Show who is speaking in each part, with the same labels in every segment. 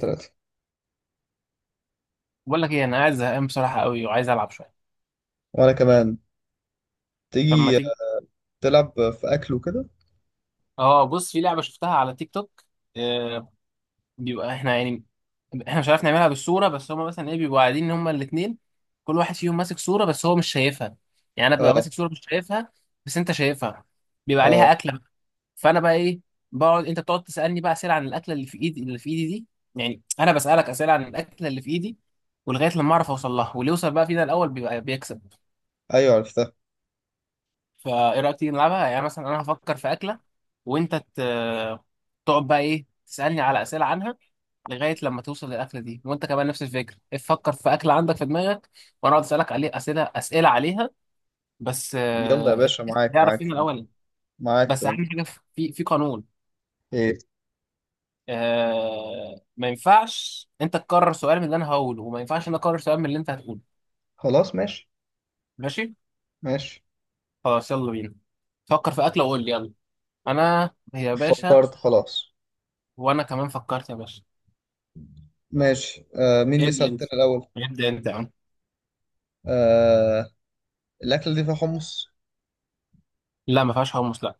Speaker 1: ثلاثة.
Speaker 2: بقول لك ايه، انا قاعد زهقان بصراحه قوي وعايز العب شويه.
Speaker 1: وأنا كمان.
Speaker 2: طب ما
Speaker 1: تيجي
Speaker 2: تيجي؟
Speaker 1: تلعب في أكل وكده؟
Speaker 2: اه بص، في لعبه شفتها على تيك توك. آه بيبقى احنا يعني احنا مش عارف نعملها بالصوره، بس هما مثلا ايه بيبقوا قاعدين هما الاثنين، كل واحد فيهم ماسك صوره بس هو مش شايفها. يعني انا ببقى
Speaker 1: اه،
Speaker 2: ماسك صوره مش شايفها بس انت شايفها. بيبقى عليها
Speaker 1: اه.
Speaker 2: اكله. فانا بقى ايه، بقعد، انت بتقعد تسالني بقى اسئله عن الاكله اللي في ايدي، اللي في ايدي دي. يعني انا بسالك اسئله عن الاكله اللي في ايدي، ولغايه لما اعرف اوصل لها، واللي يوصل بقى فينا الاول بيبقى بيكسب.
Speaker 1: أيوة، عرفتها.
Speaker 2: فايه رايك تيجي نلعبها؟ يعني مثلا انا هفكر في اكله، وانت ت... تقعد بقى ايه تسالني على اسئله عنها لغايه لما توصل للاكله دي، وانت كمان نفس الفكره، إيه، فكر في اكله عندك في دماغك، وانا اقعد اسالك عليه اسئله، اسئله عليها. بس
Speaker 1: يلا يا باشا، معاك
Speaker 2: تعرف
Speaker 1: معاك
Speaker 2: فين
Speaker 1: فهمت.
Speaker 2: الاول.
Speaker 1: معاك
Speaker 2: بس اهم
Speaker 1: فهمت.
Speaker 2: حاجه، في قانون.
Speaker 1: إيه؟
Speaker 2: ما ينفعش انت تكرر سؤال من اللي انا هقوله، وما ينفعش انا اكرر سؤال من اللي انت هتقوله.
Speaker 1: خلاص، ماشي.
Speaker 2: ماشي.
Speaker 1: ماشي.
Speaker 2: خلاص يلا بينا. فكر في اكله وقول لي يلا. انا يا باشا.
Speaker 1: فكرت، خلاص.
Speaker 2: وانا كمان فكرت يا باشا.
Speaker 1: ماشي. مين
Speaker 2: ابدا
Speaker 1: يسأل
Speaker 2: انت،
Speaker 1: تاني الأول؟
Speaker 2: ابدا انت يا عم.
Speaker 1: آه. الأكلة دي فيها حمص؟
Speaker 2: لا، ما فيهاش حمص، لا.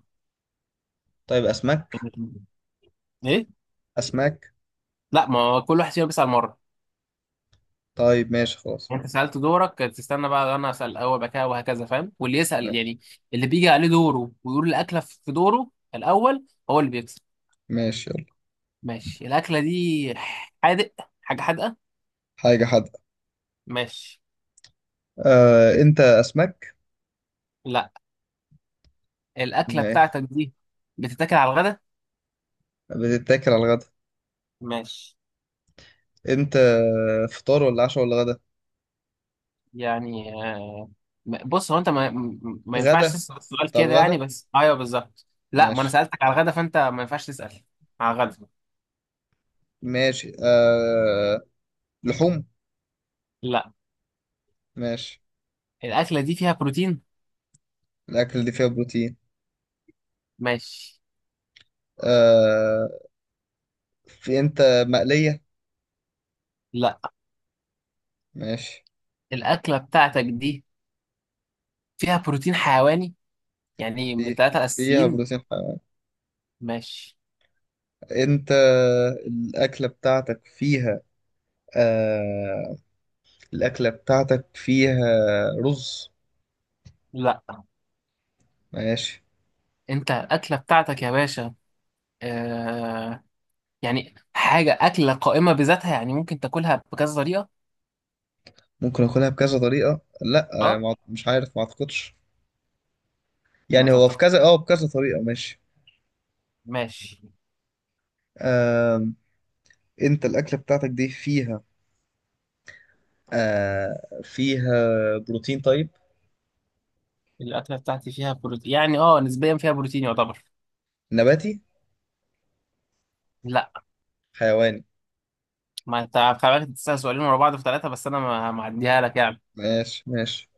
Speaker 1: طيب، أسماك؟
Speaker 2: ايه.
Speaker 1: أسماك؟
Speaker 2: لا، ما هو كل واحد فينا بيسال مره.
Speaker 1: طيب ماشي خلاص.
Speaker 2: يعني انت سالت، دورك تستنى بقى، انا اسال الاول بقى كده وهكذا، فاهم؟ واللي يسال
Speaker 1: ماشي.
Speaker 2: يعني، اللي بيجي عليه دوره ويقول الاكله في دوره الاول هو اللي بيكسب.
Speaker 1: ماشي، يلا.
Speaker 2: ماشي. الاكله دي حادق، حاجه حادقه.
Speaker 1: حاجة حادقة.
Speaker 2: ماشي.
Speaker 1: أنت، أسماك؟
Speaker 2: لا. الاكله
Speaker 1: ماشي.
Speaker 2: بتاعتك دي بتتاكل على الغدا.
Speaker 1: بتتاكل على الغدا.
Speaker 2: ماشي.
Speaker 1: أنت، فطار ولا عشاء ولا غدا؟
Speaker 2: يعني بص، هو انت ما ينفعش
Speaker 1: غدا؟
Speaker 2: تسال السؤال
Speaker 1: طب
Speaker 2: كده، يعني
Speaker 1: غدا.
Speaker 2: بس ايوه بالظبط. لا، ما انا
Speaker 1: ماشي.
Speaker 2: سالتك على الغدا فانت ما ينفعش تسال على الغدا.
Speaker 1: ماشي. لحوم؟
Speaker 2: لا،
Speaker 1: ماشي.
Speaker 2: الاكله دي فيها بروتين.
Speaker 1: الأكل دي فيها بروتين.
Speaker 2: ماشي.
Speaker 1: آه... في، أنت، مقلية؟
Speaker 2: لا.
Speaker 1: ماشي.
Speaker 2: الاكله بتاعتك دي فيها بروتين حيواني، يعني من
Speaker 1: في
Speaker 2: الثلاثه
Speaker 1: فيها
Speaker 2: الاساسيين.
Speaker 1: بروتين حيواني.
Speaker 2: ماشي.
Speaker 1: أنت، الأكلة بتاعتك فيها آه... الأكلة بتاعتك فيها رز؟
Speaker 2: لا.
Speaker 1: ماشي.
Speaker 2: انت الاكله بتاعتك يا باشا، آه، يعني حاجه اكله قائمه بذاتها، يعني ممكن تاكلها بكذا طريقه.
Speaker 1: ممكن أكلها بكذا طريقة. لا.
Speaker 2: اه.
Speaker 1: مش عارف، ما أعتقدش.
Speaker 2: ما
Speaker 1: يعني هو في
Speaker 2: تتق...
Speaker 1: كذا بكذا طريقة. ماشي.
Speaker 2: ماشي.
Speaker 1: آه... أنت، الأكلة بتاعتك دي فيها بروتين. طيب.
Speaker 2: الأكلة بتاعتي فيها بروتين، يعني اه نسبيا فيها بروتين يعتبر.
Speaker 1: نباتي؟
Speaker 2: لا.
Speaker 1: حيواني؟
Speaker 2: ما انت خلي بالك، تسأل سؤالين ورا بعض في ثلاثة، بس أنا معديها لك يعني.
Speaker 1: ماشي. ماشي.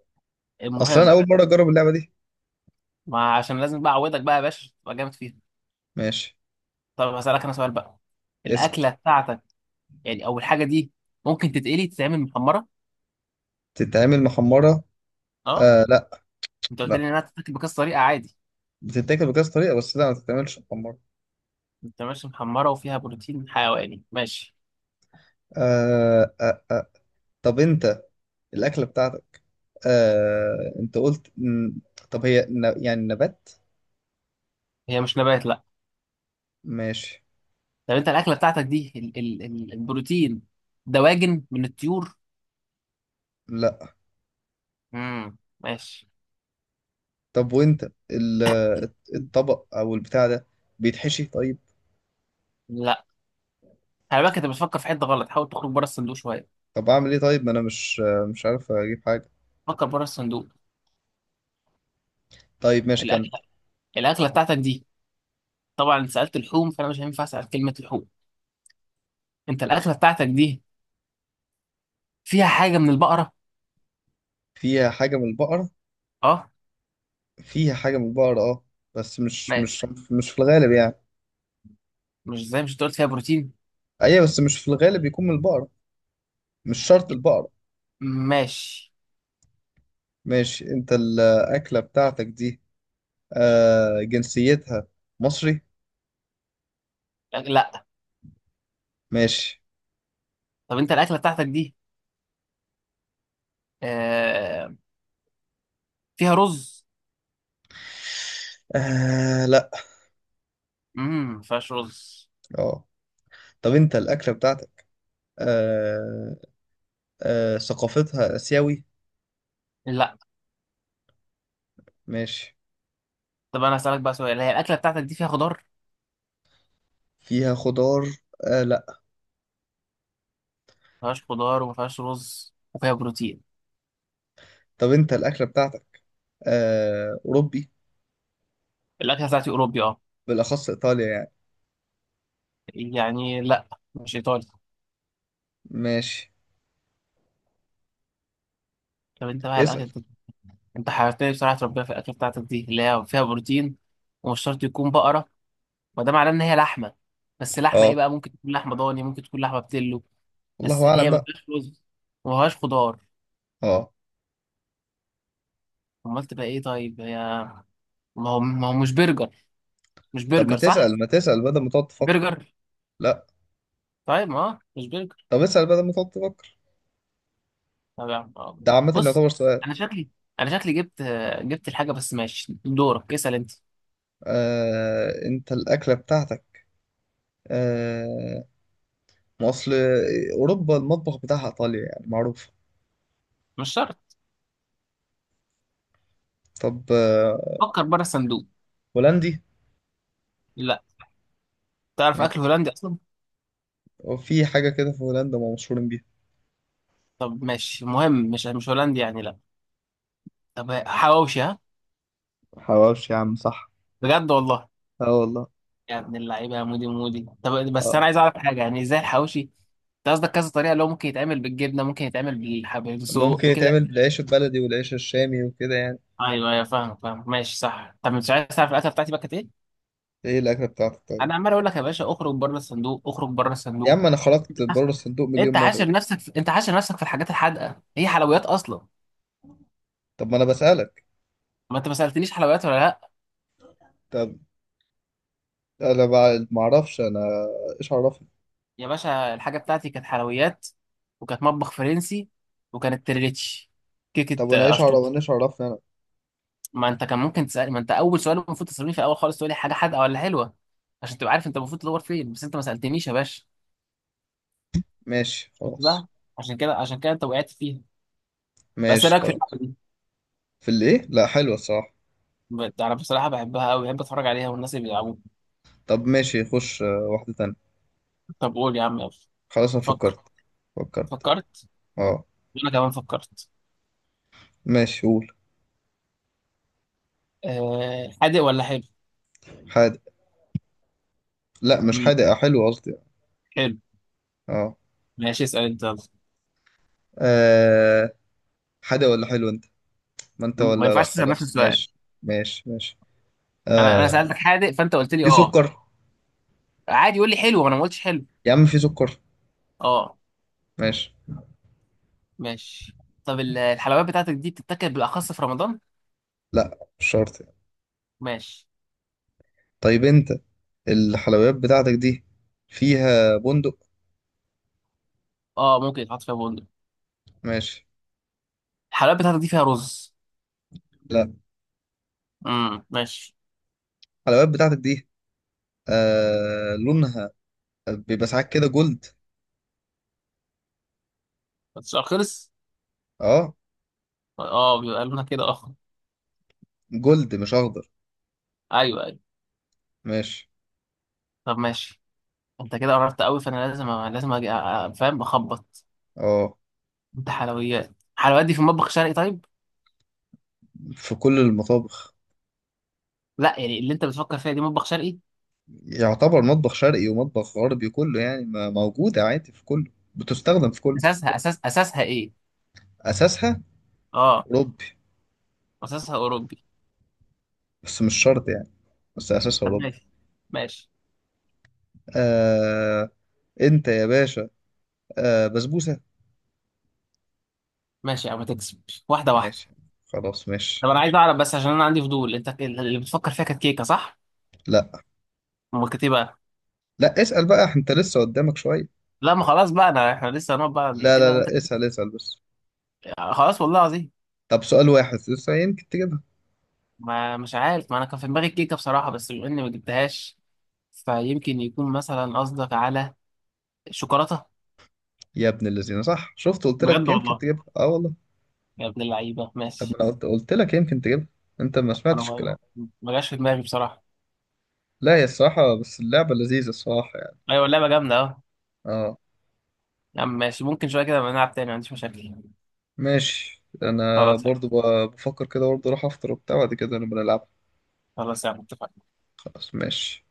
Speaker 1: اصلا انا
Speaker 2: المهم.
Speaker 1: اول مره اجرب اللعبه دي.
Speaker 2: ما عشان لازم بقى أعودك بقى يا باشا تبقى جامد فيها.
Speaker 1: ماشي.
Speaker 2: طب هسألك أنا سؤال بقى.
Speaker 1: اسال.
Speaker 2: الأكلة بتاعتك، يعني أو الحاجة دي، ممكن تتقلي، تتعمل محمرة؟
Speaker 1: تتعمل محمره؟
Speaker 2: اه.
Speaker 1: آه، لا.
Speaker 2: انت قلت
Speaker 1: لا،
Speaker 2: لي إنها تتاكل بكذا طريقة عادي.
Speaker 1: بتتاكل بكذا طريقه، بس لا ما تتعملش محمره.
Speaker 2: انت ماشي، محمرة وفيها بروتين حيواني، ماشي.
Speaker 1: آه آه آه. طب انت، الاكله بتاعتك. انت قلت طب هي يعني، نبات؟
Speaker 2: هي مش نبات، لا.
Speaker 1: ماشي.
Speaker 2: طب انت الأكلة بتاعتك دي، ال ال ال البروتين دواجن من الطيور؟
Speaker 1: لا.
Speaker 2: امم، ماشي.
Speaker 1: طب وانت الطبق او البتاع ده بيتحشي؟ طيب.
Speaker 2: لا، خلي بالك، انت بتفكر في حته غلط، حاول تخرج بره الصندوق شويه.
Speaker 1: طب اعمل ايه؟ طيب ما انا مش عارف اجيب حاجه.
Speaker 2: فكر بره الصندوق.
Speaker 1: طيب ماشي، كمل.
Speaker 2: الاكله، الاكله بتاعتك دي، طبعا انت سالت لحوم فانا مش هينفع اسال كلمه لحوم. انت الاكله بتاعتك دي فيها حاجه من البقره؟
Speaker 1: فيها حاجه من البقر؟
Speaker 2: اه.
Speaker 1: فيها حاجة من البقر اه. بس مش
Speaker 2: ماشي.
Speaker 1: مش مش في الغالب يعني.
Speaker 2: مش زي مش قلت فيها بروتين.
Speaker 1: ايوه بس مش في الغالب بيكون من البقرة. مش شرط البقرة.
Speaker 2: ماشي.
Speaker 1: ماشي. انت، الأكلة بتاعتك دي، جنسيتها، مصري؟
Speaker 2: لا.
Speaker 1: ماشي.
Speaker 2: طب انت الاكله بتاعتك دي، آه، فيها رز؟
Speaker 1: آه، لا.
Speaker 2: امم، ما فيهاش رز.
Speaker 1: اه. طب انت الأكلة بتاعتك، آه ثقافتها آسيوي؟
Speaker 2: لا.
Speaker 1: ماشي.
Speaker 2: طب انا هسالك بقى سؤال، هي الاكله بتاعتك دي فيها خضار؟
Speaker 1: فيها خضار؟ آه، لا.
Speaker 2: ما فيهاش خضار، وما فيهاش رز، وفيها بروتين.
Speaker 1: طب انت الأكلة بتاعتك، أوروبي؟
Speaker 2: الاكله بتاعتي اوروبي اه.
Speaker 1: بالأخص إيطاليا يعني؟
Speaker 2: يعني لا، مش ايطالي.
Speaker 1: ماشي.
Speaker 2: طب انت بقى الاكل
Speaker 1: اسأل.
Speaker 2: انت. انت حيرتني بصراحه، تربيها في الاكل بتاعتك دي اللي هي فيها بروتين، ومش شرط يكون بقره، وده معناه ان هي لحمه، بس لحمه ايه
Speaker 1: اه،
Speaker 2: بقى، ممكن تكون لحمه ضاني، ممكن تكون لحمه بتلو.
Speaker 1: والله
Speaker 2: بس
Speaker 1: أعلم
Speaker 2: هي ما
Speaker 1: بقى.
Speaker 2: فيهاش رز، وما فيهاش خضار.
Speaker 1: اه.
Speaker 2: امال تبقى ايه طيب هي؟ ما هو مش برجر، مش
Speaker 1: طب ما
Speaker 2: برجر صح؟
Speaker 1: تسأل، ما تسأل، بدل ما تقعد تفكر.
Speaker 2: برجر.
Speaker 1: لا.
Speaker 2: طيب ما هو مش برجر.
Speaker 1: طب اسأل، بدل ما تقعد تفكر.
Speaker 2: طب يا عم اه.
Speaker 1: ده عامة
Speaker 2: بص.
Speaker 1: يعتبر سؤال.
Speaker 2: انا شكلي انا شكلي جبت، الحاجه، بس ماشي دورك اسال انت.
Speaker 1: انت الأكلة بتاعتك، آه... ما أصل، أوروبا المطبخ بتاعها إيطاليا يعني معروف.
Speaker 2: مش شرط.
Speaker 1: طب.
Speaker 2: فكر بره الصندوق.
Speaker 1: هولندي؟
Speaker 2: لا، تعرف
Speaker 1: يعني
Speaker 2: اكل هولندي اصلا؟
Speaker 1: في حاجة كده في هولندا ما مشهورين بيها؟
Speaker 2: طب ماشي، مهم مش هولندي يعني لا. طب حواوشي، ها؟
Speaker 1: حواوشي! يا عم، صح.
Speaker 2: بجد والله.
Speaker 1: اه والله.
Speaker 2: يا ابن اللعيبه يا مودي مودي، طب بس
Speaker 1: اه،
Speaker 2: انا عايز اعرف حاجه، يعني ازاي الحواوشي؟ انت قصدك كذا طريقه، اللي هو ممكن يتعمل بالجبنه، ممكن يتعمل بالحبيب
Speaker 1: ممكن
Speaker 2: سجق كده.
Speaker 1: يتعمل بالعيش البلدي والعيش الشامي وكده يعني.
Speaker 2: ايوه ايوه، فاهم فاهم، ماشي صح. طب مش عايز تعرف الاكله بتاعتي بقى كانت ايه؟
Speaker 1: ايه الأكلة بتاعتك طيب؟
Speaker 2: انا عمال اقول لك يا باشا اخرج بره الصندوق، اخرج بره
Speaker 1: يا
Speaker 2: الصندوق.
Speaker 1: عم أنا خرجت بره الصندوق مليون مرة.
Speaker 2: انت حاشر نفسك في الحاجات الحادقه، هي حلويات اصلا.
Speaker 1: طب ما أنا بسألك.
Speaker 2: ما انت ما سالتنيش حلويات ولا لا.
Speaker 1: طب أنا ما أعرفش أنا. ايش عرفني.
Speaker 2: يا باشا الحاجة بتاعتي كانت حلويات، وكانت مطبخ فرنسي، وكانت تريليتش،
Speaker 1: طب
Speaker 2: كيكة
Speaker 1: وانا
Speaker 2: أشطوطة.
Speaker 1: ايش عرفني انا.
Speaker 2: ما أنت كان ممكن تسأل، ما أنت أول سؤال المفروض تسألني في الأول خالص تقول لي حاجة حادقة ولا حلوة، عشان تبقى عارف أنت المفروض تدور فين، بس أنت ما سألتنيش يا باشا.
Speaker 1: ماشي
Speaker 2: شفت
Speaker 1: خلاص.
Speaker 2: بقى؟ عشان كده، عشان كده أنت وقعت فيها. بس إيه
Speaker 1: ماشي
Speaker 2: رأيك في اللعبة
Speaker 1: خلاص.
Speaker 2: دي؟
Speaker 1: في الايه؟ لا، حلوه الصراحه.
Speaker 2: أنا بصراحة بحبها أوي، بحب أتفرج عليها والناس اللي بيلعبوها.
Speaker 1: طب ماشي، خش واحده تانية.
Speaker 2: طب قول يا عم يلا.
Speaker 1: خلاص انا
Speaker 2: فكر.
Speaker 1: فكرت. فكرت.
Speaker 2: فكرت.
Speaker 1: اه.
Speaker 2: وأنا كمان فكرت.
Speaker 1: ماشي، قول.
Speaker 2: أه حادق ولا حلو؟
Speaker 1: حادق. لا مش
Speaker 2: مم،
Speaker 1: حادق، حلو قصدي.
Speaker 2: حلو.
Speaker 1: اه.
Speaker 2: ماشي اسأل أنت يلا.
Speaker 1: آه، حادق ولا حلو انت؟ ما انت
Speaker 2: ما
Speaker 1: ولا... لا
Speaker 2: ينفعش تسأل نفس
Speaker 1: خلاص،
Speaker 2: السؤال.
Speaker 1: ماشي. ماشي. ماشي.
Speaker 2: انا
Speaker 1: آه.
Speaker 2: سالتك حادق فانت قلت لي
Speaker 1: في
Speaker 2: اه،
Speaker 1: سكر؟
Speaker 2: عادي قول لي حلو، وانا ما قلتش حلو.
Speaker 1: يا عم، في سكر؟
Speaker 2: اه.
Speaker 1: ماشي.
Speaker 2: ماشي. طب الحلويات بتاعتك دي بتتاكل بالاخص في رمضان؟
Speaker 1: لا مش شرط يعني.
Speaker 2: ماشي.
Speaker 1: طيب انت، الحلويات بتاعتك دي فيها بندق؟
Speaker 2: اه، ممكن يتحط فيها بندق.
Speaker 1: ماشي.
Speaker 2: الحلويات بتاعتك دي فيها رز؟
Speaker 1: لا.
Speaker 2: امم، ماشي.
Speaker 1: الحلويات بتاعتك دي، لونها بيبقى ساعات كده جولد؟
Speaker 2: السؤال خلص.
Speaker 1: اه.
Speaker 2: اه، بيبقى لنا كده اه.
Speaker 1: جولد مش اخضر.
Speaker 2: ايوه ايوه.
Speaker 1: ماشي.
Speaker 2: طب ماشي. انت كده قربت قوي، فانا لازم اجي فاهم اخبط.
Speaker 1: اه.
Speaker 2: انت حلويات. الحلويات دي في مطبخ شرقي طيب؟
Speaker 1: في كل المطابخ.
Speaker 2: لا يعني، اللي انت بتفكر فيها دي مطبخ شرقي.
Speaker 1: يعتبر مطبخ شرقي ومطبخ غربي كله يعني، موجودة عادي في كله، بتستخدم في كله.
Speaker 2: اساسها ايه؟
Speaker 1: اساسها
Speaker 2: اه،
Speaker 1: اوروبي.
Speaker 2: اساسها اوروبي.
Speaker 1: بس مش شرط يعني. بس اساسها
Speaker 2: طب
Speaker 1: اوروبي.
Speaker 2: ماشي، ماشي.
Speaker 1: آه انت يا باشا، بسبوسة؟
Speaker 2: ماشي او ما تكسب، واحده واحده.
Speaker 1: ماشي خلاص. ماشي.
Speaker 2: طب انا عايز اعرف بس عشان انا عندي فضول، انت اللي بتفكر فيها كانت كيكه صح؟
Speaker 1: لا،
Speaker 2: امال كانت ايه بقى؟
Speaker 1: لا، اسأل بقى انت لسه قدامك شوية.
Speaker 2: لا ما خلاص بقى، انا احنا لسه هنقعد بقى
Speaker 1: لا،
Speaker 2: كده
Speaker 1: لا،
Speaker 2: انت.
Speaker 1: لا، اسأل، اسأل بس.
Speaker 2: خلاص والله العظيم.
Speaker 1: طب سؤال واحد لسه، يمكن تجيبها.
Speaker 2: ما مش عارف، ما انا كان في دماغي الكيكه بصراحه، بس بما اني ما جبتهاش، فيمكن يكون مثلا قصدك على الشوكولاته.
Speaker 1: يا ابن الذين! صح، شفت؟ قلت لك
Speaker 2: بجد
Speaker 1: يمكن
Speaker 2: والله.
Speaker 1: تجيبها. اه والله.
Speaker 2: يا ابن اللعيبه،
Speaker 1: طب ما
Speaker 2: ماشي.
Speaker 1: انا قلت لك يمكن تجيبها. انت ما
Speaker 2: انا
Speaker 1: سمعتش
Speaker 2: ما
Speaker 1: الكلام.
Speaker 2: جاش في دماغي بصراحه.
Speaker 1: لا، هي الصراحة بس اللعبة لذيذة الصراحة يعني.
Speaker 2: ايوه اللعبه جامده اهو.
Speaker 1: اه.
Speaker 2: يا عم ماشي، ممكن شويه كده نبقى نلعب تاني، ما عنديش مشاكل.
Speaker 1: ماشي، انا
Speaker 2: خلاص يا عم.
Speaker 1: برضو بفكر كده، برضو اروح افطر وبتاع، بعد كده نبقى نلعب.
Speaker 2: خلاص يا عم، اتفقنا.
Speaker 1: خلاص ماشي.